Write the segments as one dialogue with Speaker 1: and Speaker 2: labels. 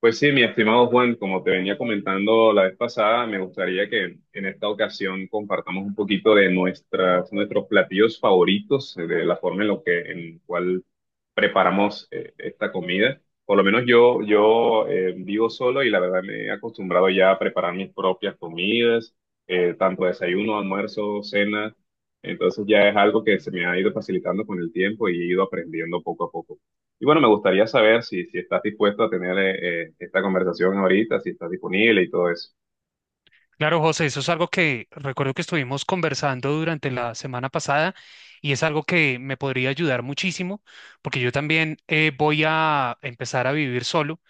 Speaker 1: Pues sí, mi estimado Juan, como te venía comentando la vez pasada, me gustaría que en esta ocasión compartamos un poquito de nuestros platillos favoritos, de la forma en en cual preparamos esta comida. Por lo menos yo vivo solo y la verdad me he acostumbrado ya a preparar mis propias comidas, tanto desayuno, almuerzo, cena. Entonces ya es algo que se me ha ido facilitando con el tiempo y he ido aprendiendo poco a poco. Y bueno, me gustaría saber si estás dispuesto a tener esta conversación ahorita, si estás disponible y todo eso.
Speaker 2: Claro, José, eso es algo que recuerdo que estuvimos conversando durante la semana pasada y es algo que me podría ayudar muchísimo porque yo también voy a empezar a vivir solo.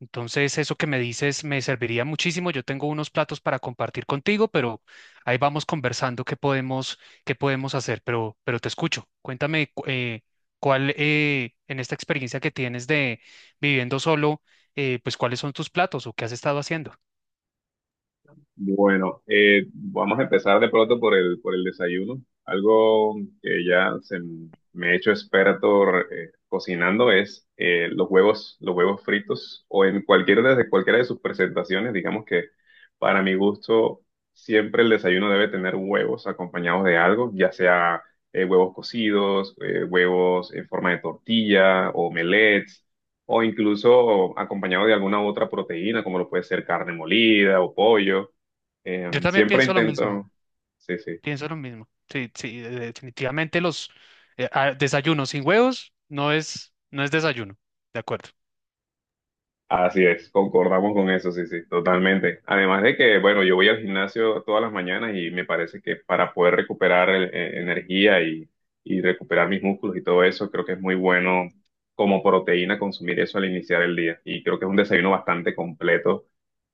Speaker 2: Entonces, eso que me dices me serviría muchísimo. Yo tengo unos platos para compartir contigo, pero ahí vamos conversando qué podemos hacer. Pero te escucho. Cuéntame cuál en esta experiencia que tienes de viviendo solo, pues cuáles son tus platos o qué has estado haciendo.
Speaker 1: Bueno, vamos a empezar de pronto por por el desayuno. Algo que ya se me he hecho experto cocinando es los huevos fritos o en cualquiera de sus presentaciones. Digamos que para mi gusto siempre el desayuno debe tener huevos acompañados de algo, ya sea huevos cocidos, huevos en forma de tortilla, omelets o incluso acompañado de alguna otra proteína, como lo puede ser carne molida o pollo.
Speaker 2: Yo también
Speaker 1: Siempre
Speaker 2: pienso lo mismo.
Speaker 1: intento, sí, sí,
Speaker 2: Pienso lo mismo. Sí, sí, definitivamente los desayunos sin huevos no es desayuno. De acuerdo.
Speaker 1: así es, concordamos con eso, sí, sí, totalmente. Además de que, bueno, yo voy al gimnasio todas las mañanas y me parece que para poder recuperar energía y recuperar mis músculos y todo eso, creo que es muy bueno como proteína consumir eso al iniciar el día. Y creo que es un desayuno bastante completo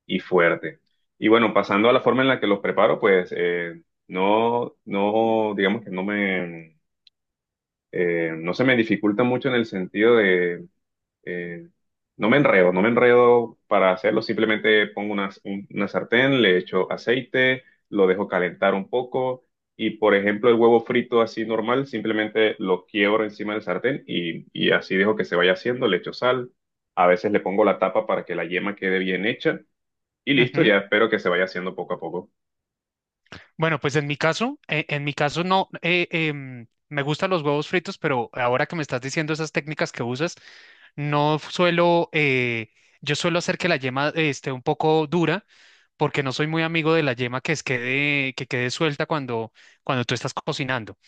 Speaker 1: y fuerte. Y bueno, pasando a la forma en la que los preparo, pues no, no, digamos que no se me dificulta mucho en el sentido de. Eh, no me enredo para hacerlo, simplemente pongo una sartén, le echo aceite, lo dejo calentar un poco y, por ejemplo, el huevo frito así normal, simplemente lo quiebro encima del sartén y así dejo que se vaya haciendo, le echo sal, a veces le pongo la tapa para que la yema quede bien hecha y listo,
Speaker 2: Ujú.
Speaker 1: ya espero que se vaya haciendo poco a poco.
Speaker 2: Bueno, pues en mi caso no, me gustan los huevos fritos, pero ahora que me estás diciendo esas técnicas que usas, no suelo, yo suelo hacer que la yema esté un poco dura, porque no soy muy amigo de la yema que quede suelta cuando tú estás cocinando.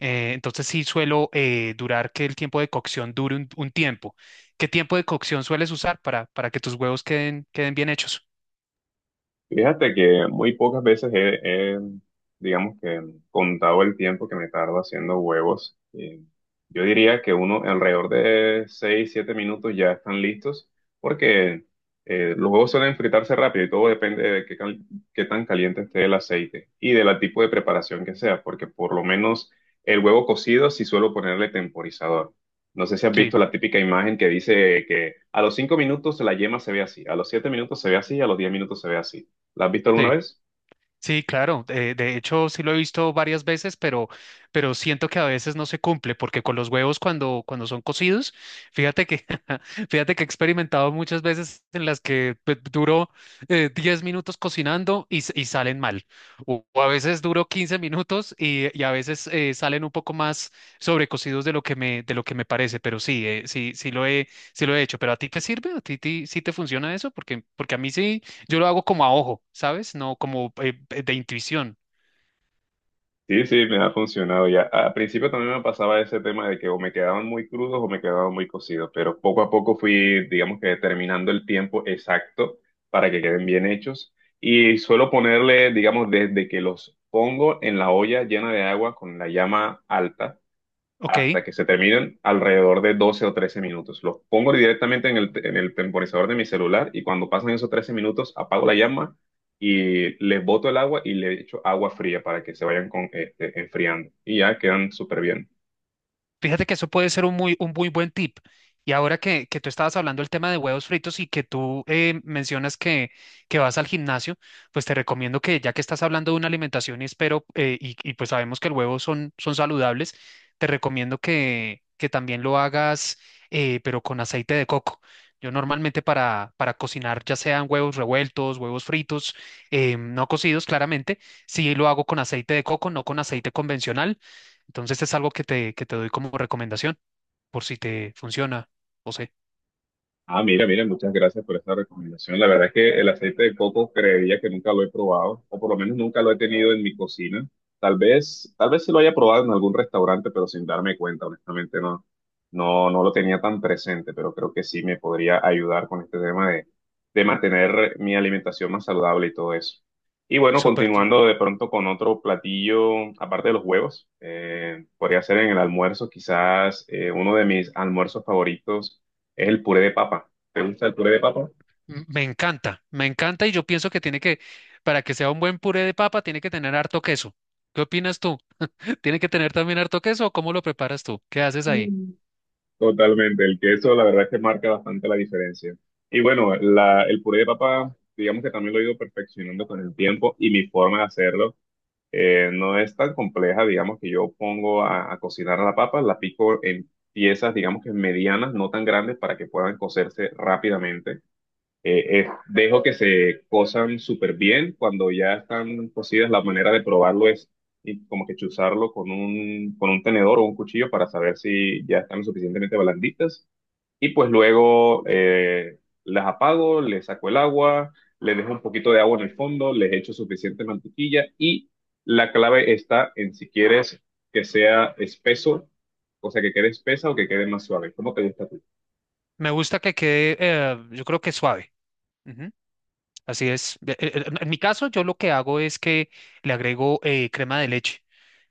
Speaker 2: Entonces sí suelo durar que el tiempo de cocción dure un tiempo. ¿Qué tiempo de cocción sueles usar para que tus huevos queden bien hechos?
Speaker 1: Fíjate que muy pocas veces he digamos que, contado el tiempo que me tardo haciendo huevos. Yo diría que uno alrededor de 6 7 minutos ya están listos, porque los huevos suelen fritarse rápido y todo depende de qué tan caliente esté el aceite y del tipo de preparación que sea, porque por lo menos el huevo cocido sí suelo ponerle temporizador. No sé si has
Speaker 2: Sí,
Speaker 1: visto la típica imagen que dice que a los 5 minutos la yema se ve así, a los 7 minutos se ve así, a los 10 minutos se ve así. ¿La has visto alguna
Speaker 2: sí.
Speaker 1: vez?
Speaker 2: Sí, claro. De hecho, sí lo he visto varias veces, pero siento que a veces no se cumple, porque con los huevos cuando son cocidos, fíjate que, fíjate que he experimentado muchas veces en las que pues, duro 10 minutos cocinando y salen mal. O a veces duro 15 minutos y a veces salen un poco más sobrecocidos de lo que me, de lo que me parece. Pero sí, sí, sí lo he hecho. ¿Pero a ti te sirve? ¿A ti, sí te funciona eso? Porque a mí sí. Yo lo hago como a ojo, ¿sabes? No como de intuición.
Speaker 1: Sí, sí, me ha funcionado ya. Al principio también me pasaba ese tema de que o me quedaban muy crudos o me quedaban muy cocidos, pero poco a poco fui, digamos que determinando el tiempo exacto para que queden bien hechos. Y suelo ponerle, digamos, desde que los pongo en la olla llena de agua con la llama alta
Speaker 2: Ok.
Speaker 1: hasta que se terminen alrededor de 12 o 13 minutos. Los pongo directamente en en el temporizador de mi celular y cuando pasan esos 13 minutos apago la llama y les boto el agua y le echo agua fría para que se vayan enfriando. Y ya quedan súper bien.
Speaker 2: Fíjate que eso puede ser un muy buen tip. Y ahora que tú estabas hablando del tema de huevos fritos y que tú mencionas que vas al gimnasio, pues te recomiendo que ya que estás hablando de una alimentación y espero, y pues sabemos que el huevo son, son saludables, te recomiendo que también lo hagas, pero con aceite de coco. Yo normalmente para cocinar, ya sean huevos revueltos, huevos fritos, no cocidos claramente, sí lo hago con aceite de coco, no con aceite convencional, entonces es algo que te doy como recomendación por si te funciona. O sea,
Speaker 1: Ah, mira, mira, muchas gracias por esta recomendación. La verdad es que el aceite de coco creería que nunca lo he probado, o por lo menos nunca lo he tenido en mi cocina. Tal vez se lo haya probado en algún restaurante, pero sin darme cuenta, honestamente no, no, no lo tenía tan presente, pero creo que sí me podría ayudar con este tema de mantener mi alimentación más saludable y todo eso. Y bueno,
Speaker 2: súper.
Speaker 1: continuando de pronto con otro platillo, aparte de los huevos, podría ser en el almuerzo, quizás uno de mis almuerzos favoritos es el puré de papa. ¿Te gusta el puré de papa?
Speaker 2: Me encanta y yo pienso que tiene que, para que sea un buen puré de papa, tiene que tener harto queso. ¿Qué opinas tú? ¿Tiene que tener también harto queso o cómo lo preparas tú? ¿Qué haces ahí?
Speaker 1: Mm. Totalmente, el queso la verdad es que marca bastante la diferencia. Y bueno, el puré de papa, digamos que también lo he ido perfeccionando con el tiempo y mi forma de hacerlo no es tan compleja, digamos que yo pongo a cocinar la papa, la pico en piezas, digamos que medianas, no tan grandes para que puedan cocerse rápidamente. Dejo que se cosan súper bien. Cuando ya están cocidas, la manera de probarlo es y como que chuzarlo con un tenedor o un cuchillo para saber si ya están lo suficientemente blanditas. Y pues luego las apago, les saco el agua, les dejo un poquito de agua en el fondo, les echo suficiente mantequilla y la clave está en si quieres que sea espeso, o sea, que quede espesa o que quede más suave. ¿Cómo te gusta a ti?
Speaker 2: Me gusta que quede, yo creo que suave. Ujú, así es. En mi caso, yo lo que hago es que le agrego crema de leche.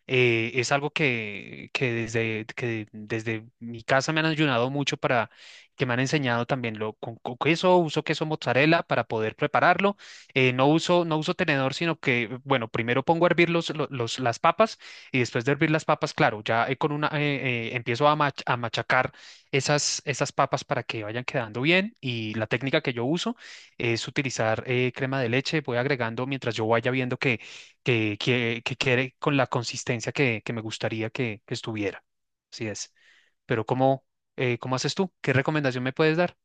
Speaker 2: Es algo que desde mi casa me han ayudado mucho para que me han enseñado también con queso, uso queso mozzarella para poder prepararlo. No uso tenedor, sino que, bueno, primero pongo a hervir las papas y después de hervir las papas, claro, ya con una, empiezo a, a machacar esas papas para que vayan quedando bien y la técnica que yo uso es utilizar crema de leche, voy agregando mientras yo vaya viendo que quede con la consistencia que me gustaría que estuviera. Así es. Pero ¿cómo, cómo haces tú? ¿Qué recomendación me puedes dar?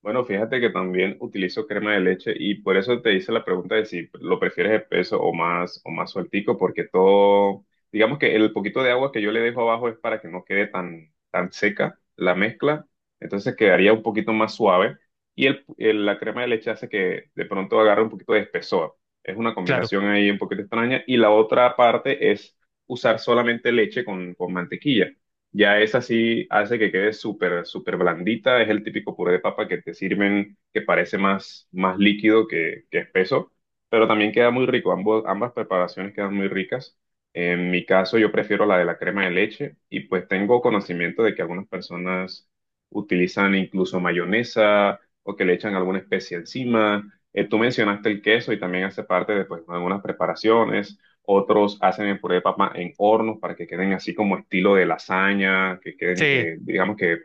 Speaker 1: Bueno, fíjate que también utilizo crema de leche y por eso te hice la pregunta de si lo prefieres espeso o más sueltico, porque todo, digamos que el poquito de agua que yo le dejo abajo es para que no quede tan, tan seca la mezcla, entonces quedaría un poquito más suave y la crema de leche hace que de pronto agarre un poquito de espesor. Es una
Speaker 2: Claro.
Speaker 1: combinación ahí un poquito extraña y la otra parte es usar solamente leche con mantequilla. Ya esa sí hace que quede súper, súper blandita. Es el típico puré de papa que te sirven que parece más, más líquido que espeso, pero también queda muy rico. Ambas preparaciones quedan muy ricas. En mi caso, yo prefiero la de la crema de leche y pues tengo conocimiento de que algunas personas utilizan incluso mayonesa o que le echan alguna especie encima. Tú mencionaste el queso y también hace parte de pues, algunas preparaciones otros hacen el puré de papa en hornos para que queden así como estilo de lasaña, que queden,
Speaker 2: Sí,
Speaker 1: digamos que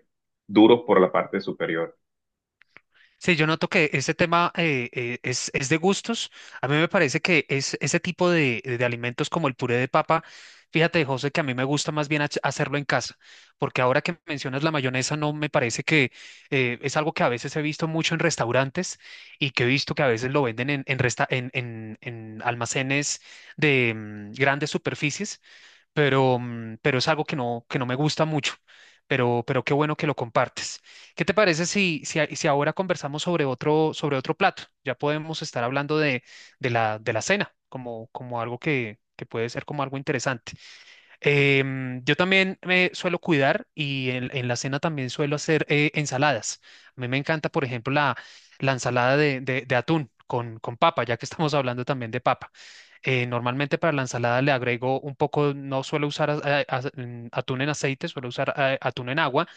Speaker 1: duros por la parte superior.
Speaker 2: sí, yo noto que este tema es de gustos. A mí me parece que es ese tipo de alimentos como el puré de papa. Fíjate, José, que a mí me gusta más bien hacerlo en casa, porque ahora que mencionas la mayonesa, no me parece que es algo que a veces he visto mucho en restaurantes y que he visto que a veces lo venden en, resta- en almacenes de grandes superficies pero, pero es algo que no me gusta mucho. Pero qué bueno que lo compartes. ¿Qué te parece si ahora conversamos sobre otro plato? Ya podemos estar hablando de, de la cena como, como algo que puede ser como algo interesante. Em, yo también me suelo cuidar y en la cena también suelo hacer ensaladas. A mí me encanta, por ejemplo, la ensalada de atún con papa, ya que estamos hablando también de papa. Normalmente para la ensalada le agrego un poco, no suelo usar atún en aceite, suelo usar atún en agua,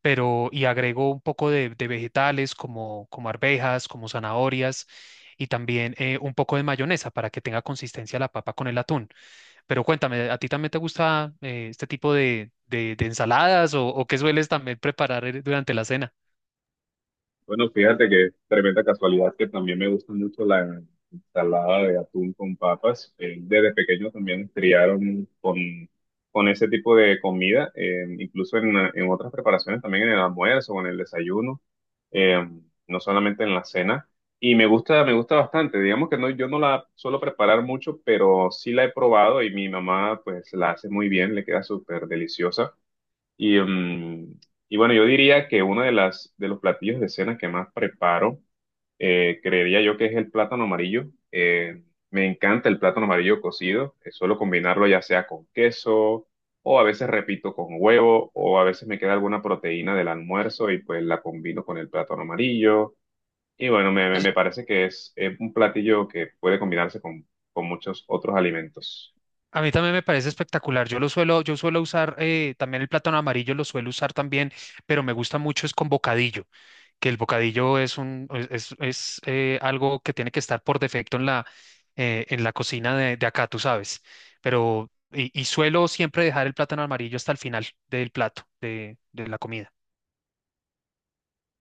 Speaker 2: pero y agrego un poco de vegetales como, como arvejas, como zanahorias y también un poco de mayonesa para que tenga consistencia la papa con el atún. Pero cuéntame, ¿a ti también te gusta este tipo de, de ensaladas o qué sueles también preparar durante la cena?
Speaker 1: Bueno, fíjate que tremenda casualidad que también me gusta mucho la ensalada de atún con papas. Desde pequeño también nos criaron con ese tipo de comida, incluso en otras preparaciones, también en el almuerzo o en el desayuno, eh, no solamente en la cena. Y me gusta bastante. Digamos que no, yo no la suelo preparar mucho, pero sí la he probado y mi mamá pues la hace muy bien, le queda súper deliciosa. Y, mm, y bueno, yo diría que uno de las de los platillos de cena que más preparo, creería yo que es el plátano amarillo. Me encanta el plátano amarillo cocido. Suelo combinarlo ya sea con queso o a veces repito con huevo o a veces me queda alguna proteína del almuerzo y pues la combino con el plátano amarillo. Y bueno, me, me
Speaker 2: Es-
Speaker 1: me parece que es un platillo que puede combinarse con muchos otros alimentos.
Speaker 2: A mí también me parece espectacular. Yo lo suelo, yo suelo usar también el plátano amarillo, lo suelo usar también, pero me gusta mucho es con bocadillo, que el bocadillo es un, es, algo que tiene que estar por defecto en la cocina de acá, tú sabes. Pero, y suelo siempre dejar el plátano amarillo hasta el final del plato, de la comida.